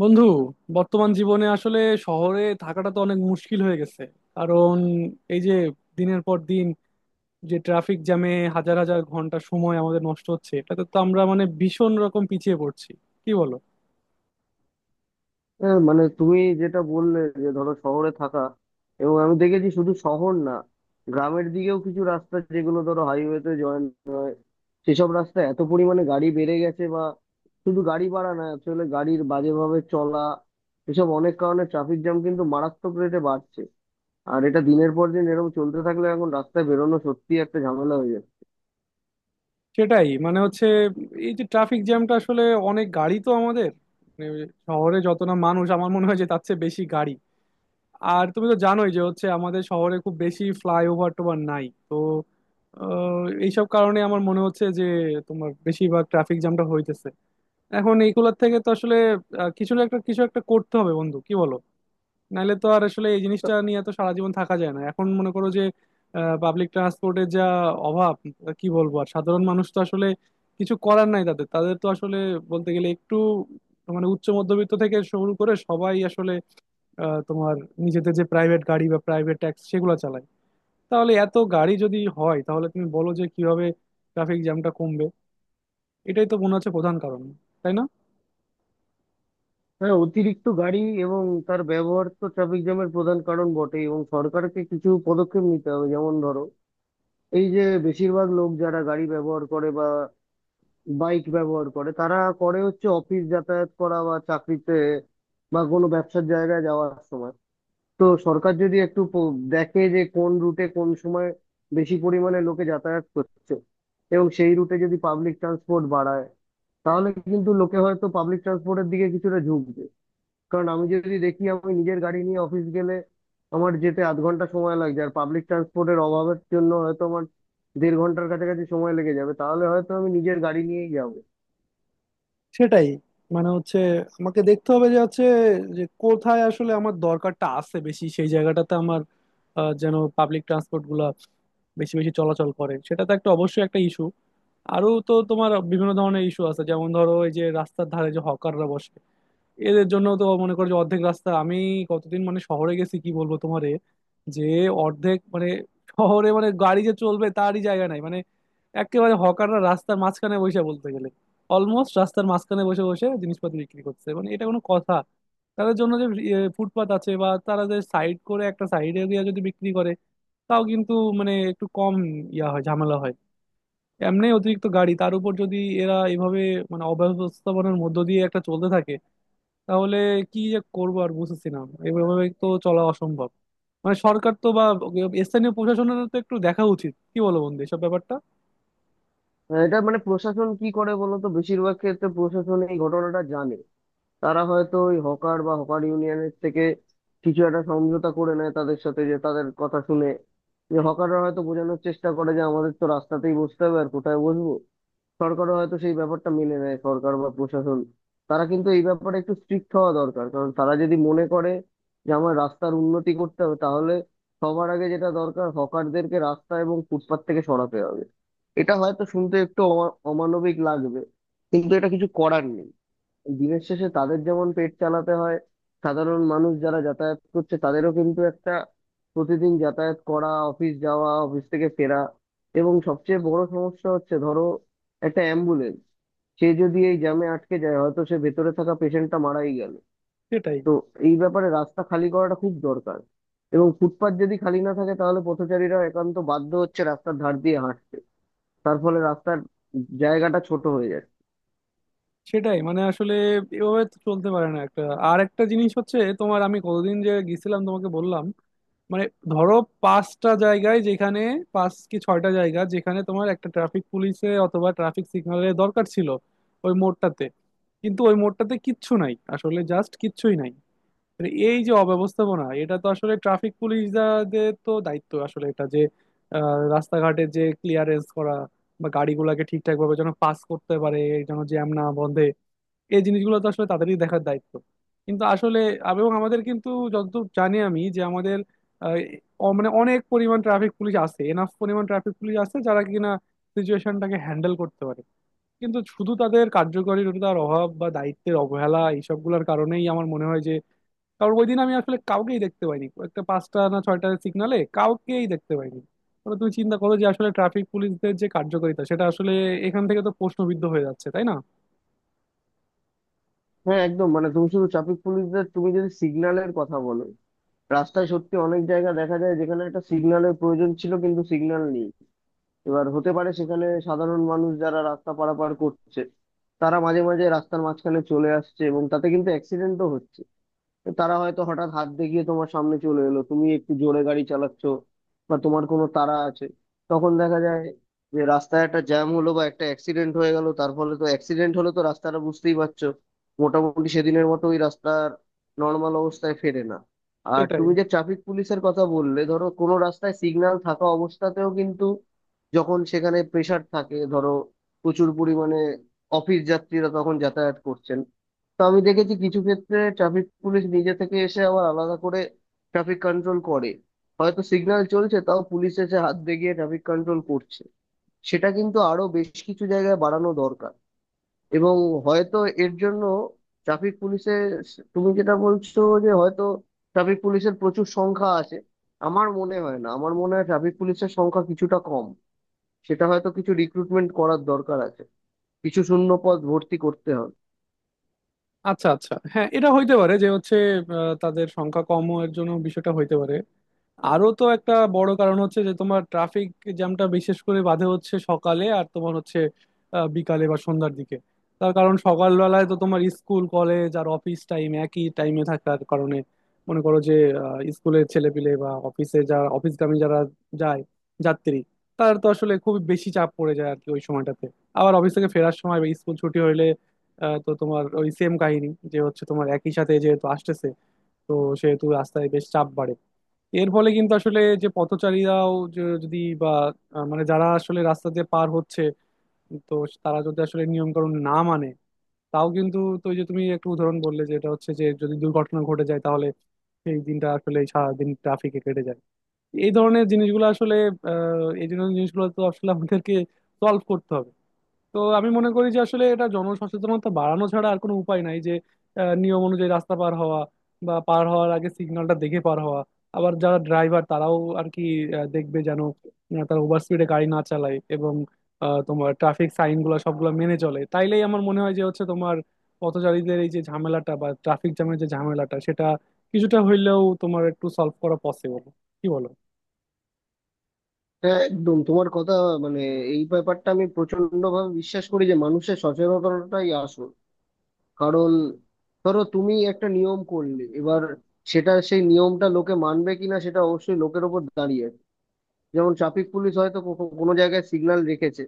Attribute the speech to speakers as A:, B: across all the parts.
A: বন্ধু, বর্তমান জীবনে আসলে শহরে থাকাটা তো অনেক মুশকিল হয়ে গেছে। কারণ এই যে দিনের পর দিন যে ট্রাফিক জ্যামে হাজার হাজার ঘন্টা সময় আমাদের নষ্ট হচ্ছে এটাতে তো আমরা মানে ভীষণ রকম পিছিয়ে পড়ছি। কি বলো?
B: হ্যাঁ, মানে তুমি যেটা বললে যে ধরো শহরে থাকা, এবং আমি দেখেছি শুধু শহর না, গ্রামের দিকেও কিছু রাস্তা যেগুলো ধরো হাইওয়েতে জয়েন, সেসব রাস্তা এত পরিমাণে গাড়ি বেড়ে গেছে, বা শুধু গাড়ি বাড়া না, আসলে গাড়ির বাজেভাবে চলা, এসব অনেক কারণে ট্রাফিক জ্যাম কিন্তু মারাত্মক রেটে বাড়ছে। আর এটা দিনের পর দিন এরকম চলতে থাকলে এখন রাস্তায় বেরোনো সত্যি একটা ঝামেলা হয়ে যায়।
A: সেটাই, মানে হচ্ছে এই যে ট্রাফিক জ্যামটা আসলে অনেক গাড়ি তো আমাদের, মানে শহরে যত না মানুষ আমার মনে হয় যে তার চেয়ে বেশি গাড়ি। আর তুমি তো জানোই যে হচ্ছে আমাদের শহরে খুব বেশি ফ্লাইওভার টোভার নাই। এইসব কারণে আমার মনে হচ্ছে যে তোমার বেশিরভাগ ট্রাফিক জ্যামটা হইতেছে। এখন এইগুলোর থেকে তো আসলে কিছু না একটা কিছু একটা করতে হবে বন্ধু। কি বলো? নাহলে তো আর আসলে এই জিনিসটা নিয়ে তো সারা জীবন থাকা যায় না। এখন মনে করো যে পাবলিক ট্রান্সপোর্টের যা অভাব, কি বলবো আর। সাধারণ মানুষ তো আসলে কিছু করার নাই তাদের তাদের তো আসলে বলতে গেলে একটু, মানে উচ্চ মধ্যবিত্ত থেকে শুরু করে সবাই আসলে তোমার নিজেদের যে প্রাইভেট গাড়ি বা প্রাইভেট ট্যাক্সি সেগুলো চালায়। তাহলে এত গাড়ি যদি হয় তাহলে তুমি বলো যে কিভাবে ট্রাফিক জ্যামটা কমবে? এটাই তো মনে হচ্ছে প্রধান কারণ, তাই না?
B: হ্যাঁ, অতিরিক্ত গাড়ি এবং তার ব্যবহার তো ট্রাফিক জ্যামের প্রধান কারণ বটে, এবং সরকারকে কিছু পদক্ষেপ নিতে হবে। যেমন ধরো, এই যে বেশিরভাগ লোক যারা গাড়ি ব্যবহার করে বা বাইক ব্যবহার করে, তারা করে হচ্ছে অফিস যাতায়াত করা বা চাকরিতে বা কোনো ব্যবসার জায়গায় যাওয়ার সময়। তো সরকার যদি একটু দেখে যে কোন রুটে কোন সময় বেশি পরিমাণে লোকে যাতায়াত করছে, এবং সেই রুটে যদি পাবলিক ট্রান্সপোর্ট বাড়ায়, তাহলে কিন্তু লোকে হয়তো পাবলিক ট্রান্সপোর্টের দিকে কিছুটা ঝুঁকবে। কারণ আমি যদি দেখি আমি নিজের গাড়ি নিয়ে অফিস গেলে আমার যেতে আধ ঘন্টা সময় লাগছে, আর পাবলিক ট্রান্সপোর্টের অভাবের জন্য হয়তো আমার দেড় ঘন্টার কাছাকাছি সময় লেগে যাবে, তাহলে হয়তো আমি নিজের গাড়ি নিয়েই যাবো।
A: সেটাই, মানে হচ্ছে আমাকে দেখতে হবে যে হচ্ছে, যে কোথায় আসলে আমার দরকারটা আছে বেশি সেই জায়গাটাতে আমার যেন পাবলিক ট্রান্সপোর্ট গুলা বেশি বেশি চলাচল করে, সেটা তো একটা অবশ্যই একটা ইস্যু। আরো তো তোমার বিভিন্ন ধরনের ইস্যু আছে, যেমন ধরো এই যে রাস্তার ধারে যে হকাররা বসে, এদের জন্য তো মনে করো যে অর্ধেক রাস্তা আমি কতদিন মানে শহরে গেছি কি বলবো তোমারে যে অর্ধেক মানে শহরে মানে গাড়ি যে চলবে তারই জায়গা নাই। মানে একেবারে হকাররা রাস্তার মাঝখানে বসে, বলতে গেলে অলমোস্ট রাস্তার মাঝখানে বসে বসে জিনিসপত্র বিক্রি করছে, মানে এটা কোনো কথা? তাদের জন্য যে ফুটপাত আছে বা তারা যে সাইড করে একটা সাইড এরিয়া যদি বিক্রি করে, তাও কিন্তু মানে একটু কম ইয়া হয় ঝামেলা হয়। এমনি অতিরিক্ত গাড়ি তার উপর যদি এরা এভাবে মানে অব্যবস্থাপনার মধ্য দিয়ে একটা চলতে থাকে তাহলে কি যে করবো আর বুঝতেছি না। এভাবে তো চলা অসম্ভব। মানে সরকার তো বা স্থানীয় প্রশাসনের তো একটু দেখা উচিত, কি বলো বন্ধু এসব ব্যাপারটা?
B: এটা মানে প্রশাসন কি করে বলো তো, বেশিরভাগ ক্ষেত্রে প্রশাসন এই ঘটনাটা জানে। তারা হয়তো ওই হকার বা হকার ইউনিয়নের থেকে কিছু একটা সমঝোতা করে নেয়, তাদের সাথে যে তাদের কথা শুনে, যে হকাররা হয়তো বোঝানোর চেষ্টা করে যে আমাদের তো রাস্তাতেই বসতে হবে, আর কোথায় বসবো। সরকারও হয়তো সেই ব্যাপারটা মেনে নেয়, সরকার বা প্রশাসন। তারা কিন্তু এই ব্যাপারে একটু স্ট্রিক্ট হওয়া দরকার, কারণ তারা যদি মনে করে যে আমার রাস্তার উন্নতি করতে হবে, তাহলে সবার আগে যেটা দরকার, হকারদেরকে রাস্তা এবং ফুটপাত থেকে সরাতে হবে। এটা হয়তো শুনতে একটু অমানবিক লাগবে, কিন্তু এটা কিছু করার নেই। দিনের শেষে তাদের যেমন পেট চালাতে হয়, সাধারণ মানুষ যারা যাতায়াত করছে তাদেরও কিন্তু একটা, প্রতিদিন যাতায়াত করা, অফিস যাওয়া, অফিস থেকে ফেরা। এবং সবচেয়ে বড় সমস্যা হচ্ছে ধরো, একটা অ্যাম্বুলেন্স, সে যদি এই জ্যামে আটকে যায়, হয়তো সে ভেতরে থাকা পেশেন্টটা মারাই গেল।
A: সেটাই।
B: তো এই ব্যাপারে রাস্তা খালি করাটা খুব দরকার। এবং ফুটপাত যদি খালি না থাকে তাহলে পথচারীরা একান্ত বাধ্য হচ্ছে রাস্তার ধার দিয়ে হাঁটতে, তার ফলে রাস্তার জায়গাটা ছোট হয়ে যাচ্ছে।
A: সেটাই, মানে আসলে এভাবে তো চলতে পারে না একটা। আর একটা জিনিস হচ্ছে তোমার, আমি কতদিন যে গেছিলাম তোমাকে বললাম, মানে ধরো পাঁচটা জায়গায় যেখানে পাঁচ কি ছয়টা জায়গা যেখানে তোমার একটা ট্রাফিক পুলিশে অথবা ট্রাফিক সিগন্যালের দরকার ছিল ওই মোড়টাতে, কিন্তু ওই মোড়টাতে কিচ্ছু নাই, আসলে জাস্ট কিচ্ছুই নাই। মানে এই যে অব্যবস্থাপনা, এটা তো আসলে ট্রাফিক পুলিশদের তো দায়িত্ব আসলে এটা যে রাস্তাঘাটে যে ক্লিয়ারেন্স করা বা গাড়িগুলোকে ঠিকঠাক ভাবে যেন পাস করতে পারে, যেন জ্যাম না বন্ধে, এই জিনিসগুলো তো আসলে তাদেরই দেখার দায়িত্ব। কিন্তু আসলে এবং আমাদের কিন্তু যতদূর জানি আমি যে আমাদের আহ, মানে অনেক পরিমাণ ট্রাফিক পুলিশ আছে, এনাফ পরিমাণ ট্রাফিক পুলিশ আছে যারা কিনা সিচুয়েশনটাকে হ্যান্ডেল করতে পারে। কিন্তু শুধু তাদের কার্যকারিতার অভাব বা দায়িত্বের অবহেলা এইসবগুলোর কারণেই আমার মনে হয়। কারণ ওই দিন আমি আসলে কাউকেই দেখতে পাইনি একটা পাঁচটা না ছয়টা সিগনালে কাউকেই দেখতে পাইনি। তাহলে তুমি চিন্তা করো যে আসলে ট্রাফিক পুলিশদের যে কার্যকারিতা সেটা আসলে এখান থেকে তো প্রশ্নবিদ্ধ হয়ে যাচ্ছে, তাই না?
B: হ্যাঁ, একদম। মানে তুমি শুধু ট্রাফিক পুলিশদের, তুমি যদি সিগন্যালের কথা বলো, রাস্তায় সত্যি অনেক জায়গা দেখা যায় যেখানে একটা সিগন্যালের প্রয়োজন ছিল, কিন্তু সিগন্যাল নেই। এবার হতে পারে সেখানে সাধারণ মানুষ যারা রাস্তা পারাপার করছে, তারা মাঝে মাঝে রাস্তার মাঝখানে চলে আসছে, এবং তাতে কিন্তু অ্যাক্সিডেন্টও হচ্ছে। তো তারা হয়তো হঠাৎ হাত দেখিয়ে তোমার সামনে চলে এলো, তুমি একটু জোরে গাড়ি চালাচ্ছ বা তোমার কোনো তাড়া আছে, তখন দেখা যায় যে রাস্তায় একটা জ্যাম হলো বা একটা অ্যাক্সিডেন্ট হয়ে গেল। তার ফলে তো, অ্যাক্সিডেন্ট হলে তো রাস্তাটা বুঝতেই পারছো, মোটামুটি সেদিনের মতো ওই রাস্তার নর্মাল অবস্থায় ফেরে না। আর
A: সেটাই।
B: তুমি যে ট্রাফিক পুলিশের কথা বললে, ধরো কোনো রাস্তায় সিগন্যাল থাকা অবস্থাতেও কিন্তু, যখন সেখানে প্রেসার থাকে, ধরো প্রচুর পরিমাণে অফিস যাত্রীরা তখন যাতায়াত করছেন, তো আমি দেখেছি কিছু ক্ষেত্রে ট্রাফিক পুলিশ নিজে থেকে এসে আবার আলাদা করে ট্রাফিক কন্ট্রোল করে। হয়তো সিগন্যাল চলছে, তাও পুলিশ এসে হাত দেখিয়ে ট্রাফিক কন্ট্রোল করছে। সেটা কিন্তু আরো বেশ কিছু জায়গায় বাড়ানো দরকার। এবং হয়তো এর জন্য ট্রাফিক পুলিশের, তুমি যেটা বলছো যে হয়তো ট্রাফিক পুলিশের প্রচুর সংখ্যা আছে, আমার মনে হয় না, আমার মনে হয় ট্রাফিক পুলিশের সংখ্যা কিছুটা কম। সেটা হয়তো কিছু রিক্রুটমেন্ট করার দরকার আছে, কিছু শূন্য পদ ভর্তি করতে হবে।
A: আচ্ছা আচ্ছা, হ্যাঁ, এটা হইতে পারে যে হচ্ছে তাদের সংখ্যা কম এর জন্য বিষয়টা হইতে পারে। আরো তো একটা বড় কারণ হচ্ছে যে তোমার ট্রাফিক জ্যামটা বিশেষ করে বাধে হচ্ছে সকালে আর তোমার হচ্ছে বিকালে বা সন্ধ্যার দিকে। তার কারণ সকালবেলায় তো তোমার স্কুল কলেজ আর অফিস টাইম একই টাইমে থাকার কারণে মনে করো যে স্কুলের ছেলেপিলে বা অফিসে যারা অফিসগামী যারা যায় যাত্রী, তার তো আসলে খুব বেশি চাপ পড়ে যায় আর কি ওই সময়টাতে। আবার অফিস থেকে ফেরার সময় বা স্কুল ছুটি হইলে তো তোমার ওই সেম কাহিনী যে হচ্ছে তোমার একই সাথে যেহেতু আসতেছে, তো সেহেতু রাস্তায় বেশ চাপ বাড়ে। এর ফলে কিন্তু আসলে যে পথচারীরাও যে যদি বা মানে যারা আসলে রাস্তা দিয়ে পার হচ্ছে, তো তারা যদি আসলে নিয়ম কানুন না মানে, তাও কিন্তু তো ওই যে তুমি একটা উদাহরণ বললে যে এটা হচ্ছে যে যদি দুর্ঘটনা ঘটে যায় তাহলে সেই দিনটা আসলে সারাদিন ট্রাফিকে কেটে যায়। এই ধরনের জিনিসগুলো আসলে এই ধরনের জিনিসগুলো তো আসলে আমাদেরকে সলভ করতে হবে। তো আমি মনে করি যে আসলে এটা জনসচেতনতা বাড়ানো ছাড়া আর কোনো উপায় নাই যে নিয়ম অনুযায়ী রাস্তা পার হওয়া বা পার হওয়ার আগে সিগন্যালটা দেখে পার হওয়া। আবার যারা ড্রাইভার তারাও আর কি দেখবে যেন তারা ওভার স্পিডে গাড়ি না চালায়, এবং তোমার ট্রাফিক সাইন গুলো সবগুলো মেনে চলে, তাইলেই আমার মনে হয় যে হচ্ছে তোমার পথচারীদের এই যে ঝামেলাটা বা ট্রাফিক জ্যামের যে ঝামেলাটা সেটা কিছুটা হইলেও তোমার একটু সলভ করা পসিবল। কি বলো?
B: হ্যাঁ, একদম তোমার কথা। মানে এই ব্যাপারটা আমি প্রচন্ড ভাবে বিশ্বাস করি যে মানুষের সচেতনতাই আসল। কারণ ধরো, তুমি একটা নিয়ম করলে, এবার সেটা, সেই নিয়মটা লোকে মানবে কিনা সেটা অবশ্যই লোকের ওপর দাঁড়িয়ে আছে। যেমন ট্রাফিক পুলিশ হয়তো কো- কো- কোনো জায়গায় সিগন্যাল রেখেছে,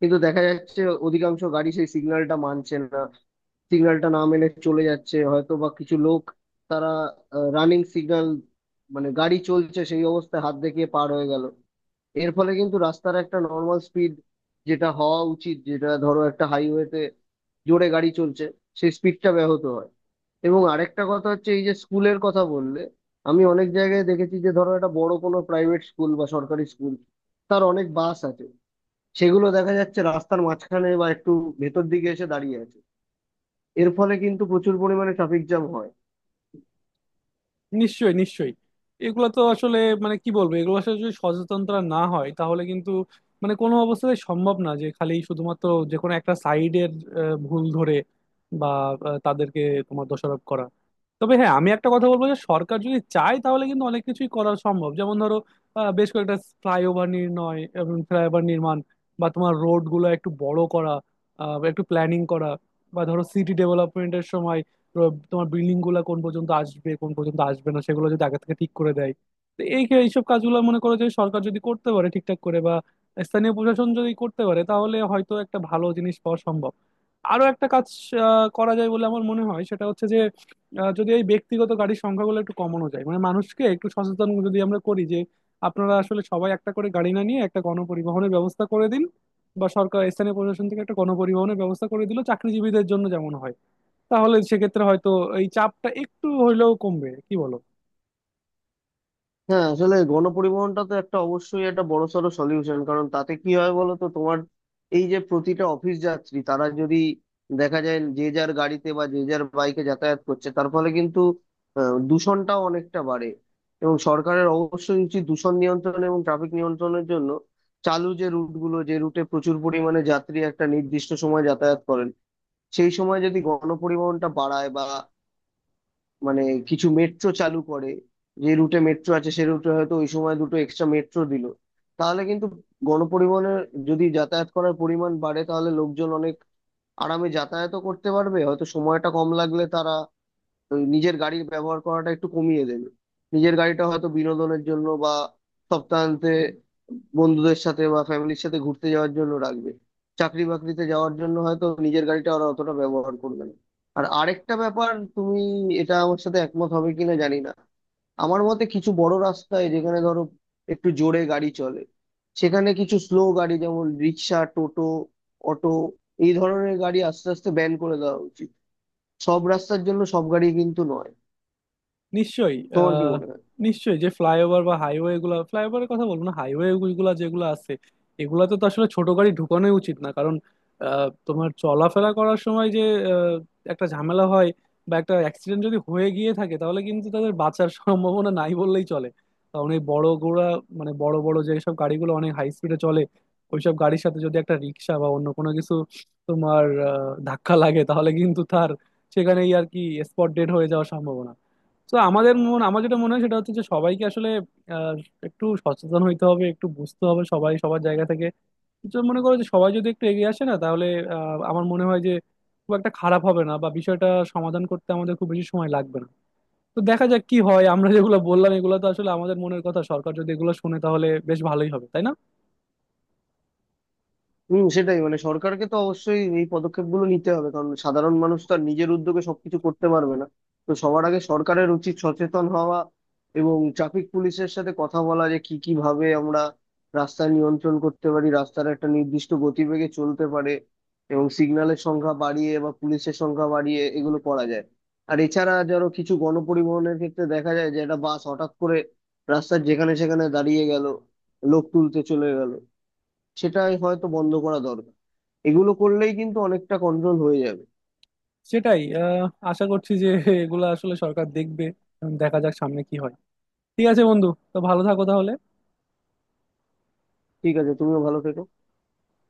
B: কিন্তু দেখা যাচ্ছে অধিকাংশ গাড়ি সেই সিগন্যালটা মানছে না, সিগন্যালটা না মেনে চলে যাচ্ছে। হয়তো বা কিছু লোক, তারা রানিং সিগন্যাল, মানে গাড়ি চলছে সেই অবস্থায় হাত দেখিয়ে পার হয়ে গেল। এর ফলে কিন্তু রাস্তার একটা নর্মাল স্পিড, যেটা হওয়া উচিত, যেটা ধরো একটা হাইওয়েতে জোরে গাড়ি চলছে, সেই স্পিডটা ব্যাহত হয়। এবং আরেকটা কথা হচ্ছে, এই যে স্কুলের কথা বললে, আমি অনেক জায়গায় দেখেছি যে ধরো একটা বড় কোনো প্রাইভেট স্কুল বা সরকারি স্কুল, তার অনেক বাস আছে, সেগুলো দেখা যাচ্ছে রাস্তার মাঝখানে বা একটু ভেতর দিকে এসে দাঁড়িয়ে আছে। এর ফলে কিন্তু প্রচুর পরিমাণে ট্রাফিক জ্যাম হয়।
A: নিশ্চয়ই, নিশ্চয়ই। এগুলো তো আসলে মানে কি বলবো, এগুলো আসলে যদি সচেতনতা না হয় তাহলে কিন্তু মানে কোনো অবস্থাতে সম্ভব না যে খালি শুধুমাত্র যে কোনো একটা সাইডের ভুল ধরে বা তাদেরকে তোমার দোষারোপ করা। তবে হ্যাঁ, আমি একটা কথা বলবো যে সরকার যদি চায় তাহলে কিন্তু অনেক কিছুই করা সম্ভব, যেমন ধরো বেশ কয়েকটা ফ্লাইওভার নির্ণয় এবং ফ্লাইওভার নির্মাণ, বা তোমার রোড গুলো একটু বড় করা, বা একটু প্ল্যানিং করা, বা ধরো সিটি ডেভেলপমেন্টের সময় তো তোমার বিল্ডিং গুলা কোন পর্যন্ত আসবে কোন পর্যন্ত আসবে না সেগুলো যদি আগে থেকে ঠিক করে দেয়, তো এই এইসব কাজগুলো মনে করো যে সরকার যদি করতে পারে ঠিকঠাক করে বা স্থানীয় প্রশাসন যদি করতে পারে তাহলে হয়তো একটা ভালো জিনিস পাওয়া সম্ভব। আরো একটা কাজ করা যায় বলে আমার মনে হয় সেটা হচ্ছে যে যদি এই ব্যক্তিগত গাড়ির সংখ্যাগুলো একটু কমানো যায়, মানে মানুষকে একটু সচেতন যদি আমরা করি যে আপনারা আসলে সবাই একটা করে গাড়ি না নিয়ে একটা গণপরিবহনের ব্যবস্থা করে দিন, বা সরকার স্থানীয় প্রশাসন থেকে একটা গণপরিবহনের ব্যবস্থা করে দিল চাকরিজীবীদের জন্য যেমন হয়, তাহলে সেক্ষেত্রে হয়তো এই চাপটা একটু হইলেও কমবে। কি বলো?
B: হ্যাঁ, আসলে গণপরিবহনটা তো একটা অবশ্যই একটা বড়সড় সলিউশন। কারণ তাতে কি হয় বলো তো, তোমার এই যে প্রতিটা অফিস যাত্রী, তারা যদি দেখা যায় যে যার গাড়িতে বা যে যার বাইকে যাতায়াত করছে, তার ফলে কিন্তু দূষণটাও অনেকটা বাড়ে। এবং সরকারের অবশ্যই উচিত দূষণ নিয়ন্ত্রণ এবং ট্রাফিক নিয়ন্ত্রণের জন্য, চালু যে রুটগুলো, যে রুটে প্রচুর পরিমাণে যাত্রী একটা নির্দিষ্ট সময় যাতায়াত করেন, সেই সময় যদি গণপরিবহনটা বাড়ায়, বা মানে কিছু মেট্রো চালু করে, যে রুটে মেট্রো আছে সে রুটে হয়তো ওই সময় দুটো এক্সট্রা মেট্রো দিল, তাহলে কিন্তু গণপরিবহনের যদি যাতায়াত করার পরিমাণ বাড়ে, তাহলে লোকজন অনেক আরামে যাতায়াতও করতে পারবে। হয়তো সময়টা কম লাগলে তারা ওই নিজের গাড়ির ব্যবহার করাটা একটু কমিয়ে দেবে। নিজের গাড়িটা হয়তো বিনোদনের জন্য বা সপ্তাহান্তে বন্ধুদের সাথে বা ফ্যামিলির সাথে ঘুরতে যাওয়ার জন্য রাখবে। চাকরি বাকরিতে যাওয়ার জন্য হয়তো নিজের গাড়িটা ওরা অতটা ব্যবহার করবে না। আর আরেকটা ব্যাপার, তুমি এটা আমার সাথে একমত হবে কিনা জানি না, আমার মতে কিছু বড় রাস্তায় যেখানে ধরো একটু জোরে গাড়ি চলে, সেখানে কিছু স্লো গাড়ি যেমন রিক্সা, টোটো, অটো, এই ধরনের গাড়ি আস্তে আস্তে ব্যান করে দেওয়া উচিত। সব রাস্তার জন্য সব গাড়ি কিন্তু নয়।
A: নিশ্চয়ই।
B: তোমার কি
A: আহ
B: মনে হয়?
A: নিশ্চয়ই যে ফ্লাইওভার বা হাইওয়ে গুলা, ফ্লাইওভারের কথা বলবো না, হাইওয়ে গুলা যেগুলো আছে এগুলাতে তো আসলে ছোট গাড়ি ঢুকানোই উচিত না। কারণ তোমার চলাফেরা করার সময় যে আহ, একটা ঝামেলা হয়, বা একটা অ্যাক্সিডেন্ট যদি হয়ে গিয়ে থাকে তাহলে কিন্তু তাদের বাঁচার সম্ভাবনা নাই বললেই চলে। কারণ এই বড় গোড়া, মানে বড় বড় যেসব গাড়িগুলো অনেক হাই স্পিডে চলে ওইসব গাড়ির সাথে যদি একটা রিক্সা বা অন্য কোনো কিছু তোমার ধাক্কা লাগে তাহলে কিন্তু তার সেখানেই আর কি স্পট ডেড হয়ে যাওয়ার সম্ভাবনা। তো আমাদের মন আমার যেটা মনে হয় সেটা হচ্ছে যে সবাইকে আসলে আহ, একটু সচেতন হইতে হবে, একটু বুঝতে হবে সবাই সবার জায়গা থেকে। তো মনে করো যে সবাই যদি একটু এগিয়ে আসে না, তাহলে আমার মনে হয় যে খুব একটা খারাপ হবে না বা বিষয়টা সমাধান করতে আমাদের খুব বেশি সময় লাগবে না। তো দেখা যাক কি হয়, আমরা যেগুলো বললাম এগুলো তো আসলে আমাদের মনের কথা, সরকার যদি এগুলো শুনে তাহলে বেশ ভালোই হবে, তাই না?
B: হম, সেটাই। মানে সরকারকে তো অবশ্যই এই পদক্ষেপগুলো নিতে হবে, কারণ সাধারণ মানুষ তো আর নিজের উদ্যোগে সবকিছু করতে পারবে না। তো সবার আগে সরকারের উচিত সচেতন হওয়া, এবং ট্রাফিক পুলিশের সাথে কথা বলা যে কি কি ভাবে আমরা রাস্তা নিয়ন্ত্রণ করতে পারি, রাস্তার একটা নির্দিষ্ট গতিবেগে চলতে পারে, এবং সিগন্যালের সংখ্যা বাড়িয়ে বা পুলিশের সংখ্যা বাড়িয়ে এগুলো করা যায়। আর এছাড়া ধরো কিছু গণপরিবহনের ক্ষেত্রে দেখা যায় যে একটা বাস হঠাৎ করে রাস্তার যেখানে সেখানে দাঁড়িয়ে গেল, লোক তুলতে চলে গেল, সেটাই হয়তো বন্ধ করা দরকার। এগুলো করলেই কিন্তু অনেকটা কন্ট্রোল হয়ে যাবে।
A: সেটাই, আশা করছি যে এগুলো আসলে সরকার দেখবে। এখন দেখা যাক সামনে কি হয়। ঠিক আছে বন্ধু, তো ভালো থাকো তাহলে।
B: ঠিক আছে, তুমিও ভালো থেকো।